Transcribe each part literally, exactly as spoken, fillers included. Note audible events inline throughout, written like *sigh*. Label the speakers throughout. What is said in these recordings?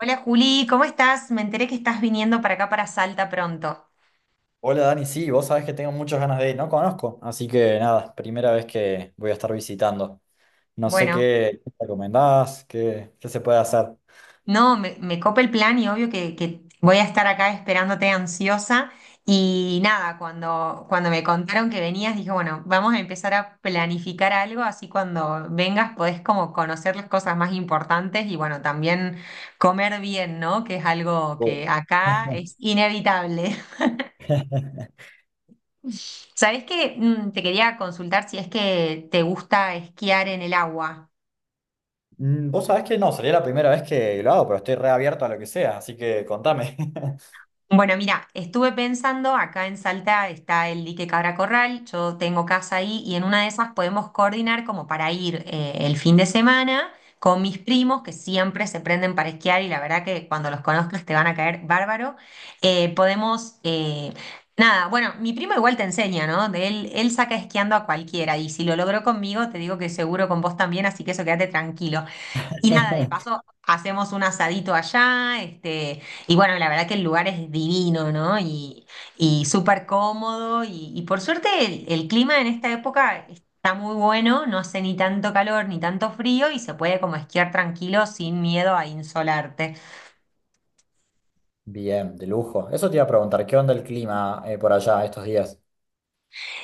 Speaker 1: Hola Juli, ¿cómo estás? Me enteré que estás viniendo para acá, para Salta pronto.
Speaker 2: Hola Dani, sí, vos sabés que tengo muchas ganas de ir, no conozco, así que nada, primera vez que voy a estar visitando. No sé
Speaker 1: Bueno,
Speaker 2: qué qué recomendás, qué, qué se puede hacer.
Speaker 1: no, me, me copa el plan y obvio que, que voy a estar acá esperándote ansiosa. Y nada, cuando, cuando me contaron que venías, dije, bueno, vamos a empezar a planificar algo, así cuando vengas podés como conocer las cosas más importantes y bueno, también comer bien, ¿no? Que es algo
Speaker 2: Oh.
Speaker 1: que acá es inevitable.
Speaker 2: *laughs*
Speaker 1: *laughs* ¿Sabés qué? Mm, Te quería consultar si es que te gusta esquiar en el agua.
Speaker 2: Mm, vos sabés que no, sería la primera vez que lo hago, pero estoy reabierto a lo que sea, así que contame.
Speaker 1: Bueno, mira, estuve pensando, acá en Salta está el dique Cabra Corral, yo tengo casa ahí y en una de esas podemos coordinar como para ir eh, el fin de semana con mis primos que siempre se prenden para esquiar y la verdad que cuando los conozcas te van a caer bárbaro. Eh, podemos, eh, nada, bueno, mi primo igual te enseña, ¿no? De él, él saca esquiando a cualquiera y si lo logró conmigo te digo que seguro con vos también, así que eso quédate tranquilo. Y nada, de
Speaker 2: *laughs*
Speaker 1: paso hacemos un asadito allá, este, y bueno, la verdad que el lugar es divino, ¿no? Y, y súper cómodo, y, y por suerte el, el clima en esta época está muy bueno, no hace ni tanto calor ni tanto frío, y se puede como esquiar tranquilo sin miedo a insolarte.
Speaker 2: Bien, de lujo. Eso te iba a preguntar, ¿qué onda el clima eh, por allá estos días?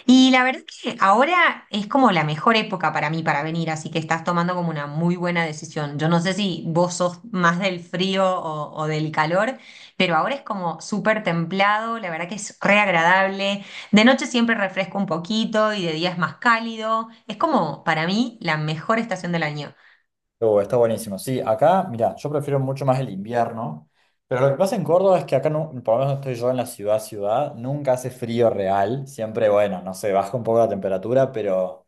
Speaker 1: Y la verdad es que ahora es como la mejor época para mí para venir, así que estás tomando como una muy buena decisión. Yo no sé si vos sos más del frío o, o del calor, pero ahora es como súper templado, la verdad que es re agradable. De noche siempre refresca un poquito y de día es más cálido. Es como para mí la mejor estación del año.
Speaker 2: Oh, está buenísimo. Sí, acá, mira, yo prefiero mucho más el invierno, pero lo que pasa en Córdoba es que acá, no, por lo menos donde estoy yo en la ciudad, ciudad, nunca hace frío real, siempre, bueno, no sé, baja un poco la temperatura, pero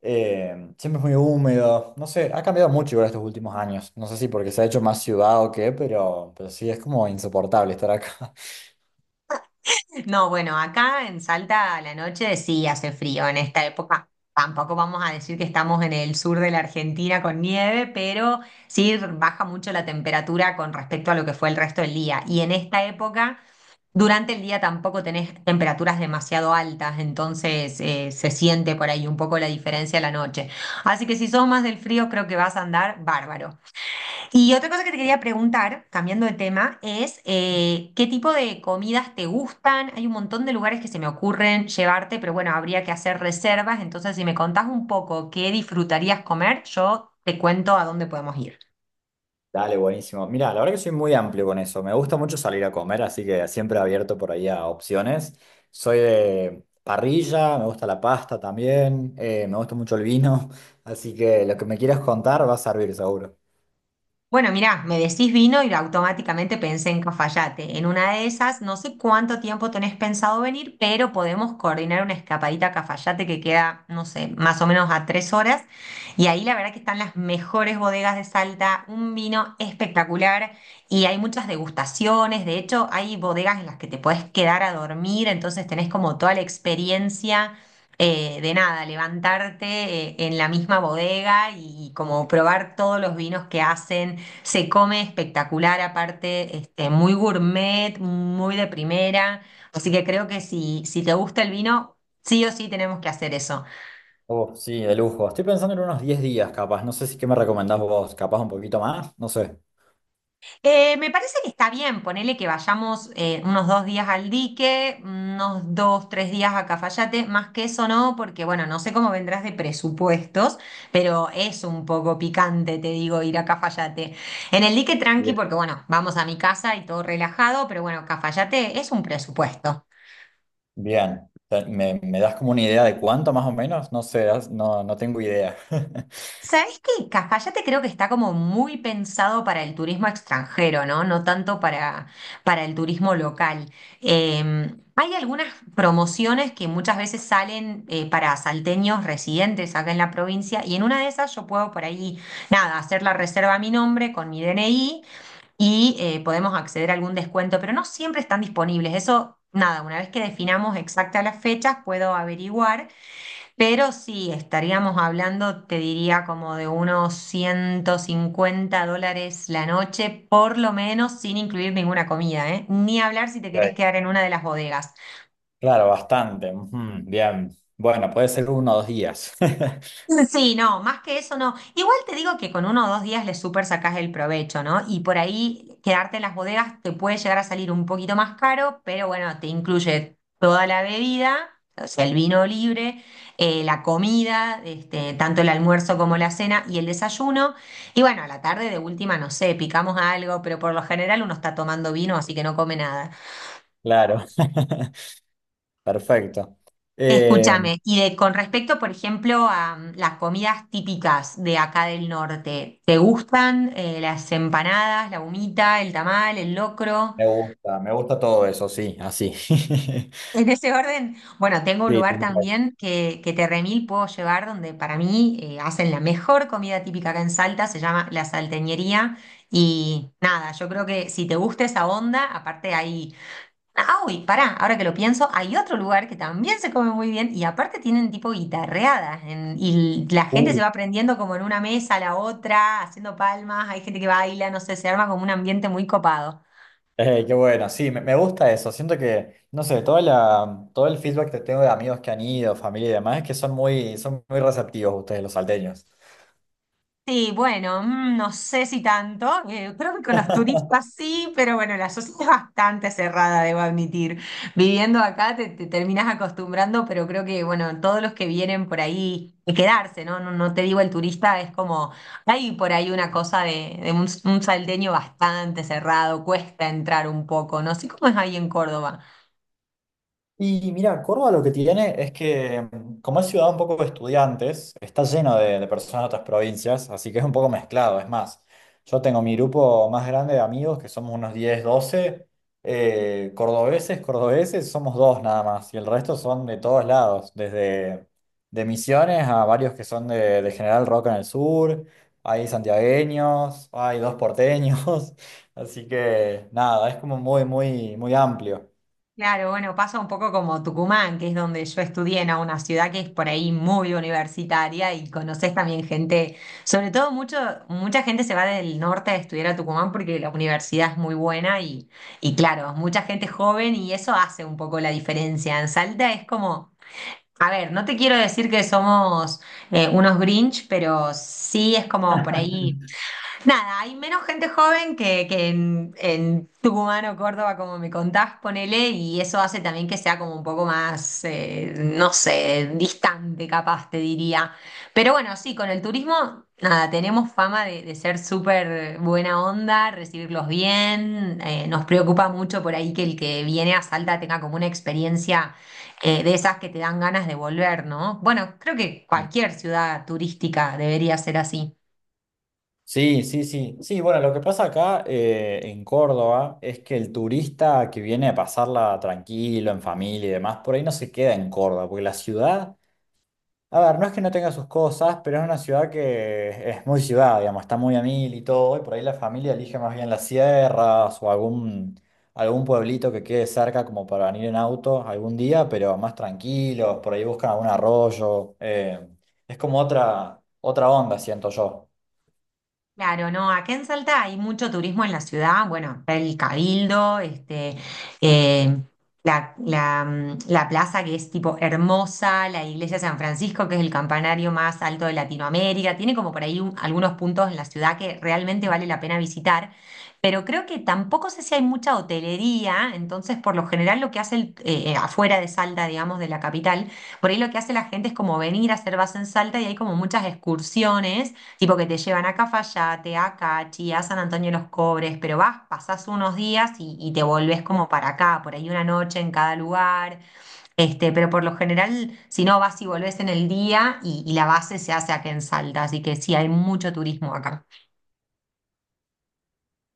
Speaker 2: eh, siempre es muy húmedo, no sé, ha cambiado mucho igual estos últimos años, no sé si porque se ha hecho más ciudad o qué, pero, pero sí, es como insoportable estar acá. *laughs*
Speaker 1: No, bueno, acá en Salta a la noche sí hace frío en esta época. Tampoco vamos a decir que estamos en el sur de la Argentina con nieve, pero sí baja mucho la temperatura con respecto a lo que fue el resto del día. Y en esta época, durante el día tampoco tenés temperaturas demasiado altas, entonces eh, se siente por ahí un poco la diferencia a la noche. Así que si sos más del frío, creo que vas a andar bárbaro. Y otra cosa que te quería preguntar, cambiando de tema, es eh, ¿qué tipo de comidas te gustan? Hay un montón de lugares que se me ocurren llevarte, pero bueno, habría que hacer reservas. Entonces, si me contás un poco qué disfrutarías comer, yo te cuento a dónde podemos ir.
Speaker 2: Dale, buenísimo. Mira, la verdad que soy muy amplio con eso. Me gusta mucho salir a comer, así que siempre abierto por ahí a opciones. Soy de parrilla, me gusta la pasta también, eh, me gusta mucho el vino, *laughs* así que lo que me quieras contar va a servir seguro.
Speaker 1: Bueno, mirá, me decís vino y automáticamente pensé en Cafayate. En una de esas, no sé cuánto tiempo tenés pensado venir, pero podemos coordinar una escapadita a Cafayate que queda, no sé, más o menos a tres horas. Y ahí la verdad que están las mejores bodegas de Salta, un vino espectacular y hay muchas degustaciones. De hecho, hay bodegas en las que te podés quedar a dormir, entonces tenés como toda la experiencia eh, de nada, levantarte eh, en la misma bodega y como probar todos los vinos que hacen. Se come espectacular, aparte, este, muy gourmet, muy de primera. Así que creo que si, si te gusta el vino, sí o sí tenemos que hacer eso.
Speaker 2: Oh, sí, de lujo. Estoy pensando en unos diez días, capaz. No sé si qué me recomendás vos, capaz un poquito más, no sé.
Speaker 1: Eh, me parece que está bien, ponele que vayamos eh, unos dos días al Dique, unos dos, tres días a Cafayate, más que eso no, porque bueno, no sé cómo vendrás de presupuestos, pero es un poco picante, te digo, ir a Cafayate. En el Dique tranqui,
Speaker 2: Bien.
Speaker 1: porque bueno, vamos a mi casa y todo relajado, pero bueno, Cafayate es un presupuesto.
Speaker 2: Bien. Te- ¿Me, me das como una idea de cuánto más o menos? No sé, das- no, no tengo idea. *laughs*
Speaker 1: ¿Sabés qué? Cafayate creo que está como muy pensado para el turismo extranjero, ¿no? No tanto para, para, el turismo local. Eh, hay algunas promociones que muchas veces salen eh, para salteños residentes acá en la provincia y en una de esas yo puedo por ahí, nada, hacer la reserva a mi nombre con mi D N I y eh, podemos acceder a algún descuento, pero no siempre están disponibles. Eso, nada, una vez que definamos exactas las fechas, puedo averiguar. Pero sí, estaríamos hablando, te diría, como de unos ciento cincuenta dólares la noche, por lo menos, sin incluir ninguna comida, ¿eh? Ni hablar si te querés
Speaker 2: Ok.
Speaker 1: quedar en una de las bodegas.
Speaker 2: Claro, bastante. Ujú. Bien. Bueno, puede ser uno o dos días. *laughs*
Speaker 1: Sí, no, más que eso no. Igual te digo que con uno o dos días le súper sacás el provecho, ¿no? Y por ahí quedarte en las bodegas te puede llegar a salir un poquito más caro, pero bueno, te incluye toda la bebida, o sea, el vino libre, eh, la comida, este, tanto el almuerzo como la cena y el desayuno. Y bueno, a la tarde de última, no sé, picamos algo, pero por lo general uno está tomando vino, así que no come nada.
Speaker 2: Claro. *laughs* Perfecto. Eh,
Speaker 1: Escúchame, y de, con respecto, por ejemplo, a mm, las comidas típicas de acá del norte, ¿te gustan eh, las empanadas, la humita, el tamal, el locro? *laughs*
Speaker 2: me gusta, me gusta todo eso, sí, así. *laughs*
Speaker 1: En ese orden, bueno, tengo un
Speaker 2: Sí,
Speaker 1: lugar
Speaker 2: tal cual.
Speaker 1: también que, que te remil puedo llevar donde para mí eh, hacen la mejor comida típica acá en Salta, se llama La Salteñería. Y nada, yo creo que si te gusta esa onda, aparte hay. Ah, uy, pará, ahora que lo pienso, hay otro lugar que también se come muy bien y aparte tienen tipo guitarreadas en- y la gente se
Speaker 2: Uh,
Speaker 1: va prendiendo como en una mesa a la otra, haciendo palmas, hay gente que baila, no sé, se arma como un ambiente muy copado.
Speaker 2: eh, qué bueno, sí, me, me gusta eso. Siento que, no sé, toda la, todo el feedback que tengo de amigos que han ido, familia y demás, es que son muy, son muy receptivos ustedes, los salteños.
Speaker 1: Sí, bueno, mm, no sé si tanto. Eh, creo que con los turistas sí, pero bueno, la sociedad es bastante cerrada, debo admitir. Viviendo acá te, te terminas acostumbrando, pero creo que, bueno, todos los que vienen por ahí, y quedarse, ¿no? No, no te digo el turista, es como, hay por ahí una cosa de, de, un, un salteño bastante cerrado, cuesta entrar un poco, no sé cómo es ahí en Córdoba.
Speaker 2: Y mira, Córdoba lo que tiene es que, mm, como es ciudad un poco de estudiantes, está lleno de, de personas de otras provincias, así que es un poco mezclado. Es más, yo tengo mi grupo más grande de amigos, que somos unos diez doce eh, cordobeses, cordobeses, somos dos nada más, y el resto son de todos lados, desde de Misiones a varios que son de, de General Roca en el sur, hay santiagueños, hay dos porteños, *laughs* así que nada, es como muy, muy, muy amplio.
Speaker 1: Claro, bueno, pasa un poco como Tucumán, que es donde yo estudié, ¿no? Una ciudad que es por ahí muy universitaria y conoces también gente, sobre todo mucho, mucha gente se va del norte a estudiar a Tucumán porque la universidad es muy buena y, y claro, mucha gente joven y eso hace un poco la diferencia. En Salta es como, a ver, no te quiero decir que somos eh, unos Grinch, pero sí es como por ahí. Nada, hay menos gente joven que, que en, en, Tucumán o Córdoba, como me contás, ponele, y eso hace también que sea como un poco más, eh, no sé, distante capaz, te diría. Pero bueno, sí, con el turismo, nada, tenemos fama de, de ser súper buena onda, recibirlos bien, eh, nos preocupa mucho por ahí que el que viene a Salta tenga como una experiencia eh, de esas que te dan ganas de volver, ¿no? Bueno, creo que cualquier ciudad turística debería ser así.
Speaker 2: Sí, sí, sí. Sí, bueno, lo que pasa acá eh, en Córdoba es que el turista que viene a pasarla tranquilo, en familia y demás, por ahí no se queda en Córdoba, porque la ciudad, a ver, no es que no tenga sus cosas, pero es una ciudad que es muy ciudad, digamos, está muy a mil y todo, y por ahí la familia elige más bien las sierras o algún, algún pueblito que quede cerca como para venir en auto algún día, pero más tranquilos, por ahí buscan algún arroyo. Eh, es como otra, otra onda, siento yo.
Speaker 1: Claro, no, acá en Salta hay mucho turismo en la ciudad, bueno, está el Cabildo, este, eh, la, la, mm, la plaza que es tipo hermosa, la iglesia de San Francisco, que es el campanario más alto de Latinoamérica, tiene como por ahí un- algunos puntos en la ciudad que realmente vale la pena visitar, pero creo que tampoco sé si hay mucha hotelería, entonces por lo general lo que hace el- eh, eh, afuera de Salta, digamos, de la capital, por ahí lo que hace la gente es como venir a hacer base en Salta y hay como muchas excursiones. Tipo que te llevan a Cafayate, a Cachi, a San Antonio de los Cobres, pero vas, pasás unos días y, y te volvés como para acá, por ahí una noche en cada lugar, este, pero por lo general, si no, vas y volvés en el día y, y la base se hace aquí en Salta, así que sí, hay mucho turismo acá.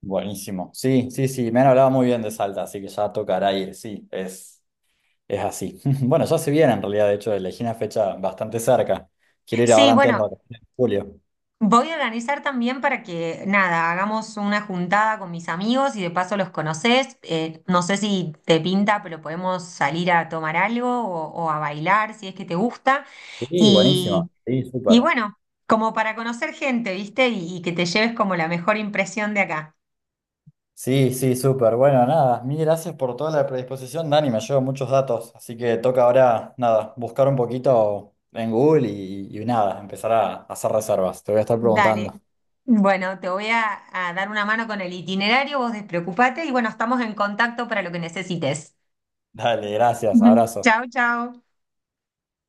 Speaker 2: Buenísimo. Sí, sí, sí, me han hablado muy bien de Salta, así que ya tocará ir, sí, es, es así. *laughs* Bueno, ya se viene en realidad, de hecho, elegí una fecha bastante cerca. Quiero ir
Speaker 1: Sí,
Speaker 2: ahora antes de
Speaker 1: bueno,
Speaker 2: las vacaciones de julio.
Speaker 1: voy a organizar también para que, nada, hagamos una juntada con mis amigos y de paso los conoces, eh, no sé si te pinta, pero podemos salir a tomar algo o o a bailar si es que te gusta.
Speaker 2: Sí,
Speaker 1: Y
Speaker 2: buenísimo. Sí, súper.
Speaker 1: Y bueno, como para conocer gente, ¿viste? Y, y que te lleves como la mejor impresión de acá.
Speaker 2: Sí, sí, súper. Bueno, nada, mil gracias por toda la predisposición, Dani, me llevo muchos datos, así que toca ahora, nada, buscar un poquito en Google y, y nada, empezar a hacer reservas. Te voy a estar
Speaker 1: Dale.
Speaker 2: preguntando.
Speaker 1: Bueno, te voy a, a dar una mano con el itinerario, vos despreocupate y bueno, estamos en contacto para lo que necesites.
Speaker 2: Dale, gracias, abrazo.
Speaker 1: Chao, chao.